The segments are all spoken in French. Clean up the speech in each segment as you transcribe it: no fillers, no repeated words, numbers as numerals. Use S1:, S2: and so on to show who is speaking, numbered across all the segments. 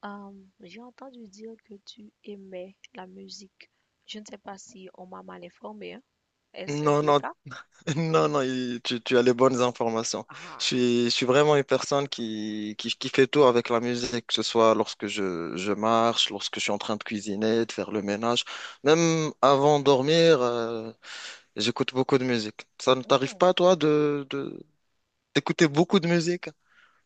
S1: J'ai entendu dire que tu aimais la musique. Je ne sais pas si on m'a mal informé, hein.
S2: Non,
S1: Est-ce le
S2: non,
S1: cas?
S2: non, non, tu as les bonnes informations. Je
S1: Ah,
S2: suis, je suis vraiment une personne qui fait tout avec la musique, que ce soit lorsque je marche, lorsque je suis en train de cuisiner, de faire le ménage. Même avant de dormir, j'écoute beaucoup de musique. Ça ne t'arrive
S1: hum.
S2: pas, toi, d'écouter beaucoup de musique?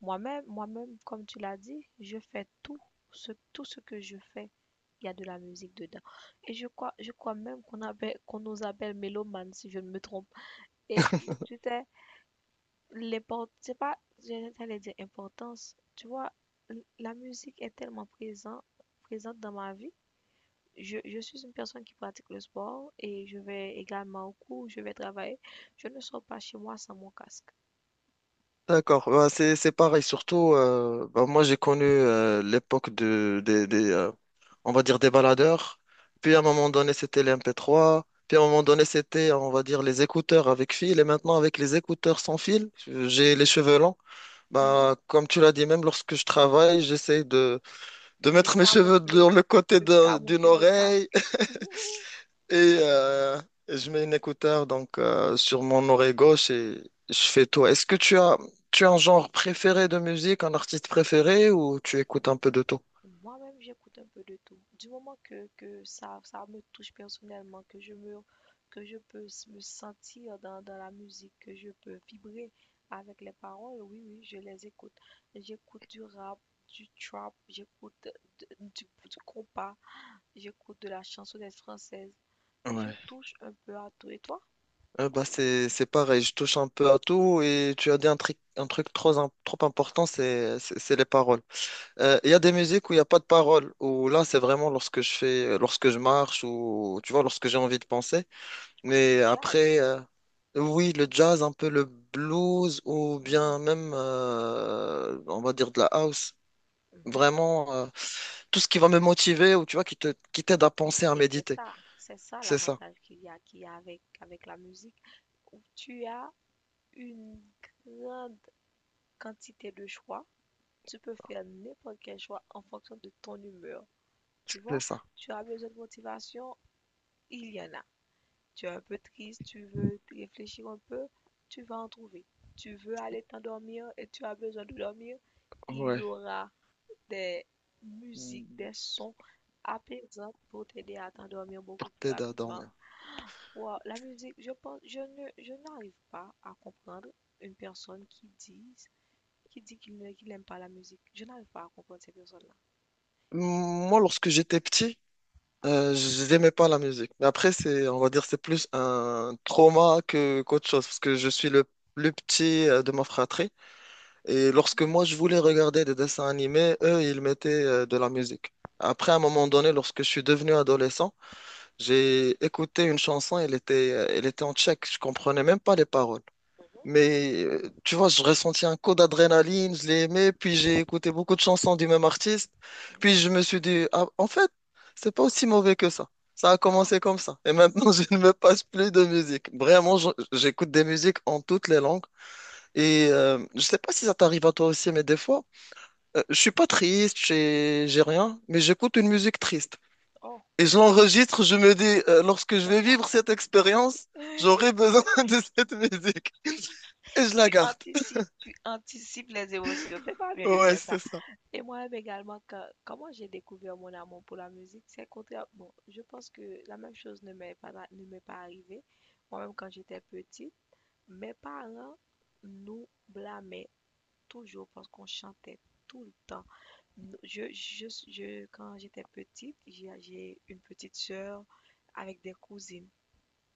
S1: Moi-même, moi-même, comme tu l'as dit, je fais tout ce que je fais. Il y a de la musique dedans. Et je crois même qu'on nous appelle mélomanes, si je ne me trompe. Et tu sais, c'est pas, j'allais dire importance. Tu vois, la musique est tellement présente dans ma vie. Je suis une personne qui pratique le sport et je vais également au cours, je vais travailler. Je ne sors pas chez moi sans mon casque.
S2: D'accord. Bah, c'est pareil. Surtout, bah, moi j'ai connu l'époque des, on va dire des baladeurs. Puis à un moment donné c'était les MP3. Puis à un moment donné c'était, on va dire, les écouteurs avec fil. Et maintenant avec les écouteurs sans fil, j'ai les cheveux longs. Bah comme tu l'as dit, même lorsque je travaille, j'essaie de
S1: De
S2: mettre mes cheveux
S1: camoufler,
S2: dans le côté
S1: de
S2: de- d'une
S1: camoufler le
S2: oreille
S1: casque. Mhm.
S2: et euh, et je mets une écouteur donc sur mon oreille gauche et je fais tout. Est-ce que tu as un genre préféré de musique, un artiste préféré ou tu écoutes un peu de tout?
S1: Moi-même, j'écoute un peu de tout. Du moment que ça me touche personnellement, que je peux me sentir dans la musique, que je peux vibrer avec les paroles, oui, oui, je les écoute. J'écoute du rap, du trap, j'écoute du compas, j'écoute de la chansonnette française. Je
S2: Ouais.
S1: touche un peu à tout et toi,
S2: Bah c'est pareil, je touche un peu à tout et tu as dit un truc trop important, c'est c'est les paroles. Il y a des musiques où il n'y a pas de paroles, où là c'est vraiment lorsque je marche ou tu vois lorsque j'ai envie de penser.
S1: comme du
S2: Mais
S1: jazz.
S2: après, oui, le jazz, un peu le blues ou
S1: Mm,
S2: bien même, on va dire, de la house.
S1: mhm.
S2: Vraiment, tout ce qui va me motiver ou tu vois, qui t'aide à penser, à
S1: Et
S2: méditer.
S1: c'est ça
S2: C'est ça,
S1: l'avantage qu'il y a avec la musique, où tu as une grande quantité de choix. Tu peux faire n'importe quel choix en fonction de ton humeur. Tu
S2: c'est
S1: vois,
S2: ça.
S1: tu as besoin de motivation, il y en a. Tu es un peu triste, tu veux réfléchir un peu, tu vas en trouver. Tu veux aller t'endormir et tu as besoin de dormir, il y
S2: Ouais,
S1: aura des musiques, des sons apaisants pour t'aider à t'endormir beaucoup plus
S2: t'aide à
S1: rapidement.
S2: dormir.
S1: Wow, la musique, je pense, je n'arrive pas à comprendre une personne qui dit, qu'il n'aime pas la musique. Je n'arrive pas à comprendre ces personnes-là.
S2: Moi, lorsque j'étais petit, j'aimais pas la musique. Mais après, c'est, on va dire, c'est plus un trauma que qu'autre chose parce que je suis le plus petit de ma fratrie. Et lorsque
S1: Hmm,
S2: moi, je voulais regarder des dessins animés, eux, ils mettaient de la musique. Après, à un moment donné, lorsque je suis devenu adolescent, j'ai écouté une chanson, elle était en tchèque, je comprenais même pas les paroles.
S1: mhm,
S2: Mais tu vois, je ressentis un coup d'adrénaline, je l'ai aimé, puis j'ai écouté beaucoup de chansons du même artiste,
S1: hmm.
S2: puis je me suis dit, ah, en fait, c'est pas aussi mauvais que ça. Ça a
S1: Ah,
S2: commencé comme ça. Et maintenant, je ne me passe plus de musique. Vraiment,
S1: non,
S2: j'écoute des musiques en toutes les langues. Et je sais pas si ça t'arrive à toi aussi, mais des fois, je suis pas triste, j'ai rien, mais j'écoute une musique triste.
S1: oh,
S2: Et je
S1: ah oui,
S2: l'enregistre, je me dis, lorsque je
S1: c'est
S2: vais
S1: moi
S2: vivre
S1: ça.
S2: cette expérience, j'aurai besoin de cette musique. Et je la garde.
S1: Tu anticipes les émotions. C'est pas bien de
S2: Ouais,
S1: faire ça.
S2: c'est ça.
S1: Et moi-même également, comment j'ai découvert mon amour pour la musique, c'est contraire. Bon, je pense que la même chose ne m'est pas arrivée. Moi-même, quand j'étais petite, mes parents nous blâmaient toujours parce qu'on chantait tout le temps. Quand j'étais petite, j'ai une petite sœur avec des cousines,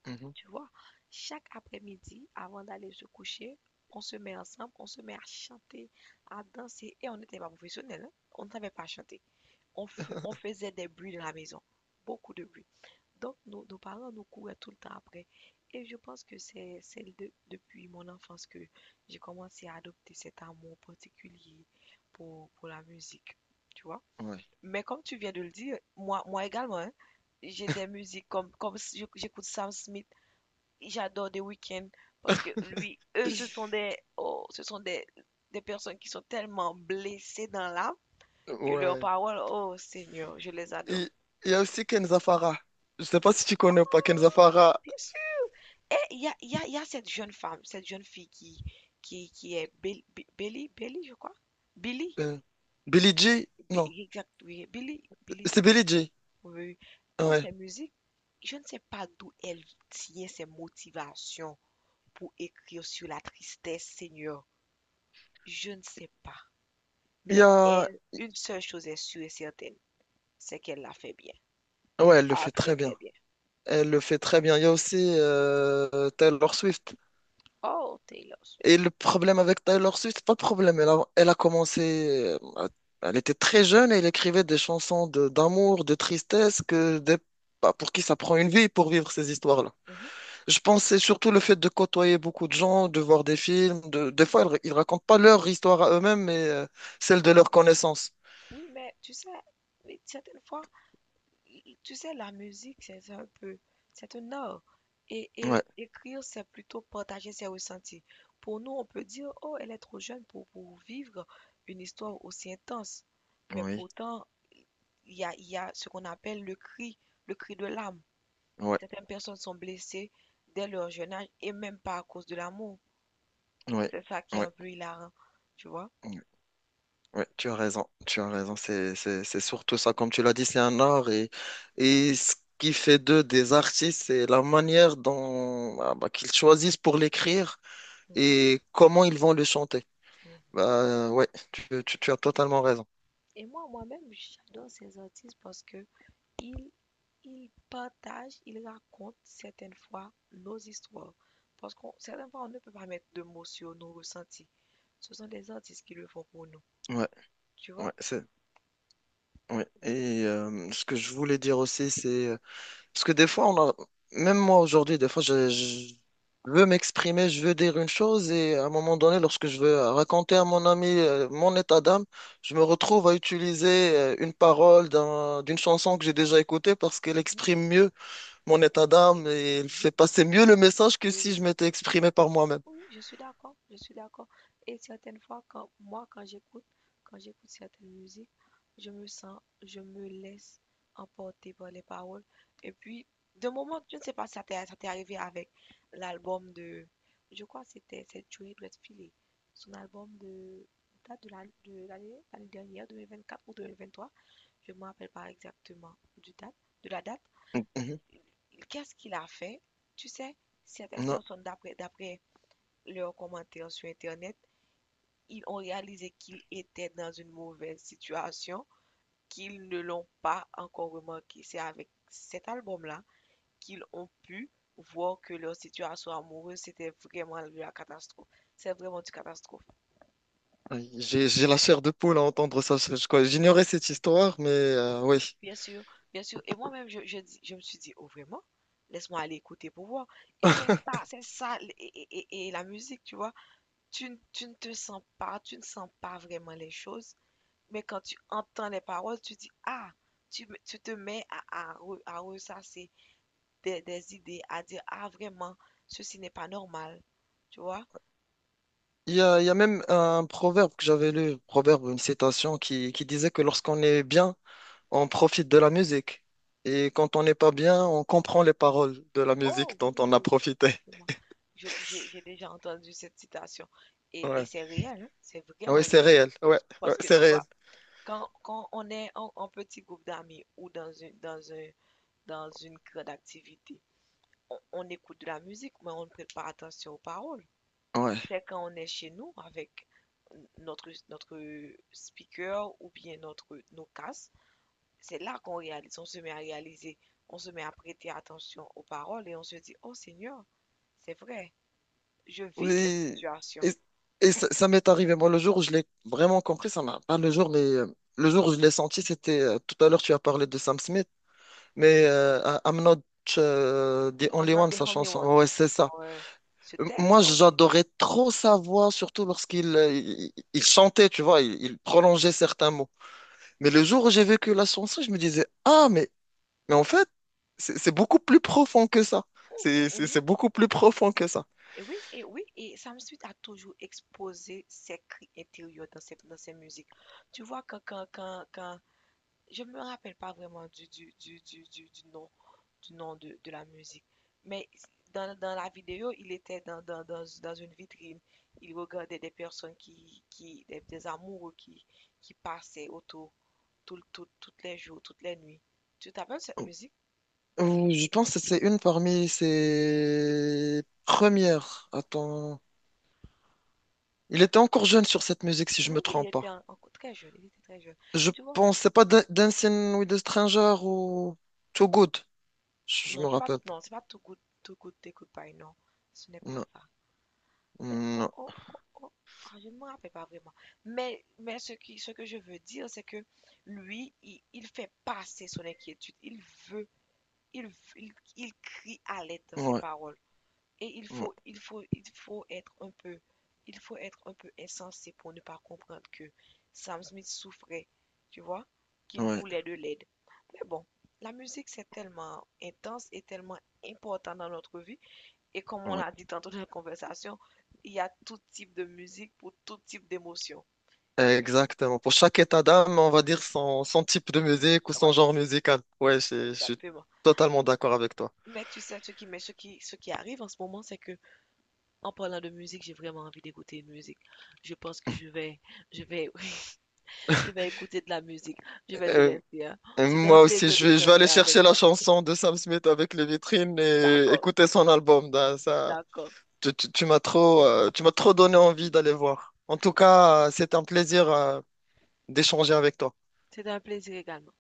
S2: Mhm.
S1: tu vois. Chaque après-midi, avant d'aller se coucher, on se met ensemble, on se met à chanter, à danser, et on n'était pas professionnels, hein. On ne savait pas chanter. On faisait des bruits de la maison, beaucoup de bruit. Donc, nos parents nous couraient tout le temps après. Et je pense que c'est depuis mon enfance que j'ai commencé à adopter cet amour particulier pour la musique, tu vois.
S2: Ouais.
S1: Mais comme tu viens de le dire, moi également, hein, j'ai des musiques comme si j'écoute Sam Smith, j'adore The Weeknd, parce que eux, oh, ce sont des personnes qui sont tellement blessées dans l'âme que leurs
S2: Ouais.
S1: paroles, oh Seigneur, je les adore.
S2: Il il y a aussi Kenza Farah. Je sais pas si tu connais ou pas Kenza Farah.
S1: Bien sûr. Et il y a cette jeune fille qui est Billy, Billy, je crois. Billy,
S2: Euh, Billie Jean? Non,
S1: Exact, oui. Billy, Billy,
S2: c'est
S1: oui, oui,
S2: Billie Jean.
S1: oui, oui. Oh,
S2: Ouais.
S1: ces musiques, je ne sais pas d'où elle tient ses motivations pour écrire sur la tristesse, Seigneur. Je ne sais pas.
S2: Il y
S1: Mais
S2: a...
S1: une seule chose est sûre et certaine, c'est qu'elle l'a fait bien.
S2: Ouais, elle le
S1: Ah,
S2: fait
S1: très,
S2: très bien.
S1: très bien.
S2: Elle le fait très bien. Il y a aussi Taylor Swift.
S1: Oh, Taylor
S2: Et
S1: Swift.
S2: le problème avec Taylor Swift, pas de problème. Elle a commencé, elle était très jeune et elle écrivait des chansons d'amour, de tristesse, que des- bah, pour qui ça prend une vie pour vivre ces histoires-là.
S1: Mhm.
S2: Je pense que c'est surtout le fait de côtoyer beaucoup de gens, de voir des films. Des fois, ils racontent pas leur histoire à eux-mêmes, mais celle de
S1: Ok.
S2: leurs connaissances.
S1: Oui, mais tu sais, mais certaines fois, tu sais, la musique, c'est un art.
S2: Ouais,
S1: Et écrire, c'est plutôt partager ses ressentis. Pour nous, on peut dire, oh, elle est trop jeune pour, vivre une histoire aussi intense. Mais
S2: oui,
S1: pourtant, il y a ce qu'on appelle le cri de l'âme.
S2: ouais,
S1: Certaines personnes sont blessées dès leur jeune âge et même pas à cause de l'amour.
S2: ouais,
S1: C'est ça qui est
S2: ouais.
S1: un peu hilarant, tu vois?
S2: Oui, tu as raison, tu as raison. C'est, c'est surtout ça, comme tu l'as dit, c'est un art et ce qui fait d'eux des artistes, c'est la manière dont ah bah, qu'ils choisissent pour l'écrire
S1: Mhm,
S2: et comment ils vont le chanter.
S1: mhm.
S2: Bah, ouais, tu as totalement raison.
S1: Et moi-même, j'adore ces artistes parce que ils ils partagent, ils racontent certaines fois nos histoires. Parce qu'on, certaines fois, on ne peut pas mettre de mots sur nos ressentis. Ce sont des artistes qui le font pour nous,
S2: Ouais,
S1: tu
S2: ouais,
S1: vois?
S2: c'est, ouais. Et ce que je voulais dire aussi, c'est parce que des fois, on a... même moi aujourd'hui, des fois, je veux m'exprimer, je veux dire une chose, et à un moment donné, lorsque je veux raconter à mon ami mon état d'âme, je me retrouve à utiliser une parole d'une chanson que j'ai déjà écoutée parce qu'elle
S1: Mhm,
S2: exprime mieux mon état d'âme et elle
S1: mhm.
S2: fait passer mieux le message que
S1: Oui,
S2: si je
S1: oui,
S2: m'étais exprimé par moi-même.
S1: oui, oui, je suis d'accord, je suis d'accord. Et certaines fois, quand quand j'écoute certaines musiques, je me laisse emporter par les paroles. Et puis, de moment, je ne sais pas si ça t'est arrivé avec l'album de, je crois que c'est Joey Redfield, son album de date de l'année dernière, 2024 ou 2023, je ne me rappelle pas exactement de la date.
S2: Mhm.
S1: Qu'est-ce qu'il a fait? Tu sais, certaines
S2: Non,
S1: personnes, d'après leurs commentaires sur Internet, ils ont réalisé qu'ils étaient dans une mauvaise situation, qu'ils ne l'ont pas encore remarqué. C'est avec cet album-là qu'ils ont pu voir que leur situation amoureuse, c'était vraiment de la catastrophe. C'est vraiment une catastrophe.
S2: oui, j'ai la chair de poule à entendre ça. Quoi, j'ignorais cette histoire, mais oui.
S1: Bien sûr, bien sûr. Et moi-même, je me suis dit, oh vraiment? Laisse-moi aller écouter pour voir. Et c'est ça, et la musique, tu vois. Tu ne te sens pas, tu ne sens pas vraiment les choses. Mais quand tu entends les paroles, tu dis, ah, tu te mets à ressasser des idées, à dire, ah, vraiment, ceci n'est pas normal. Tu vois?
S2: Il y a même un proverbe que j'avais lu, proverbe, une citation qui disait que lorsqu'on est bien, on profite de la musique. Et quand on n'est pas bien, on comprend les paroles de la
S1: Oh,
S2: musique
S1: oui,
S2: dont on
S1: oui,
S2: a
S1: oui,
S2: profité.
S1: exactement. J'ai déjà entendu cette citation. Et
S2: Ouais.
S1: c'est réel, hein, c'est
S2: Ah
S1: vraiment
S2: ouais, c'est
S1: réel.
S2: réel. Ouais, ouais,
S1: Parce que,
S2: c'est
S1: tu
S2: réel.
S1: vois, quand on est en petit groupe d'amis ou dans une grande activité, on écoute de la musique, mais on ne prête pas attention aux paroles.
S2: Ouais.
S1: C'est quand on est chez nous avec notre speaker ou bien nos casques, c'est là qu'on réalise, on se met à réaliser, on se met à prêter attention aux paroles et on se dit, oh Seigneur, c'est vrai, je vis cette
S2: Oui.
S1: situation.
S2: Et, et ça, ça m'est arrivé. Moi, le jour où je l'ai vraiment compris, ça m'a pas le jour, mais le jour où je l'ai senti, c'était tout à l'heure, tu as parlé de Sam Smith, mais I'm not the
S1: I'm
S2: only
S1: not
S2: one,
S1: the
S2: sa
S1: only
S2: chanson.
S1: one.
S2: Ouais, c'est ça.
S1: Ouais, ce texte,
S2: Moi,
S1: oh Seigneur.
S2: j'adorais trop sa voix, surtout lorsqu'il il chantait, tu vois, il prolongeait certains mots. Mais le jour où j'ai vécu la chanson, je me disais, ah, mais en fait, c'est beaucoup plus profond que ça. C'est c'est-
S1: Mhm.
S2: c'est beaucoup plus profond que ça.
S1: Et oui, et oui, et Sam Smith a toujours exposé ses cris intérieurs dans dans ses musiques. Tu vois, je ne me rappelle pas vraiment du nom de la musique. Mais dans la vidéo, il était dans une vitrine. Il regardait des personnes des amoureux qui passaient autour toutes les jours, toutes les nuits. Tu t'appelles cette musique?
S2: Ou je pense que c'est une parmi ses premières. Attends. Il était encore jeune sur cette musique, si je
S1: Oui,
S2: me
S1: oui, il
S2: trompe
S1: était
S2: pas.
S1: encore très jeune, il était très jeune.
S2: Je
S1: Tu vois,
S2: pense, c'est pas Dancing with a Stranger ou Too Good. Je
S1: non,
S2: me rappelle pas.
S1: c'est pas tout Good To Goodbye, non, ce n'est pas
S2: Non,
S1: ça. Oh,
S2: non,
S1: oh, oh, oh. Ah, je ne me rappelle pas vraiment. Mais ce que je veux dire, c'est que lui, il fait passer son inquiétude. Il veut, il, il crie à l'aide dans ses
S2: ouais,
S1: paroles. Et
S2: ouais,
S1: il faut être un peu insensé pour ne pas comprendre que Sam Smith souffrait, tu vois, qu'il
S2: ouais,
S1: voulait de l'aide. Mais bon, la musique, c'est tellement intense et tellement important dans notre vie et comme on
S2: ouais.
S1: l'a dit tantôt dans la conversation, il y a tout type de musique pour tout type d'émotion.
S2: Exactement. Pour chaque état d'âme, on va dire son, son type de musique ou son
S1: Ouais,
S2: genre musical. Ouais, je suis
S1: exactement.
S2: totalement d'accord avec toi.
S1: Mais tu sais, mais ce qui arrive en ce moment, c'est que en parlant de musique, j'ai vraiment envie d'écouter une musique. Je pense que je vais, je vais écouter de la musique. Je vais te
S2: Euh,
S1: laisser, hein.
S2: Et
S1: C'était un
S2: moi aussi,
S1: plaisir
S2: je vais aller
S1: d'échanger
S2: chercher
S1: avec
S2: la
S1: toi.
S2: chanson de Sam Smith avec les vitrines et
S1: D'accord,
S2: écouter son album. Ben, ça,
S1: d'accord.
S2: tu m'as trop donné envie d'aller voir. En tout cas, c'est un plaisir, d'échanger avec toi.
S1: C'était un plaisir également.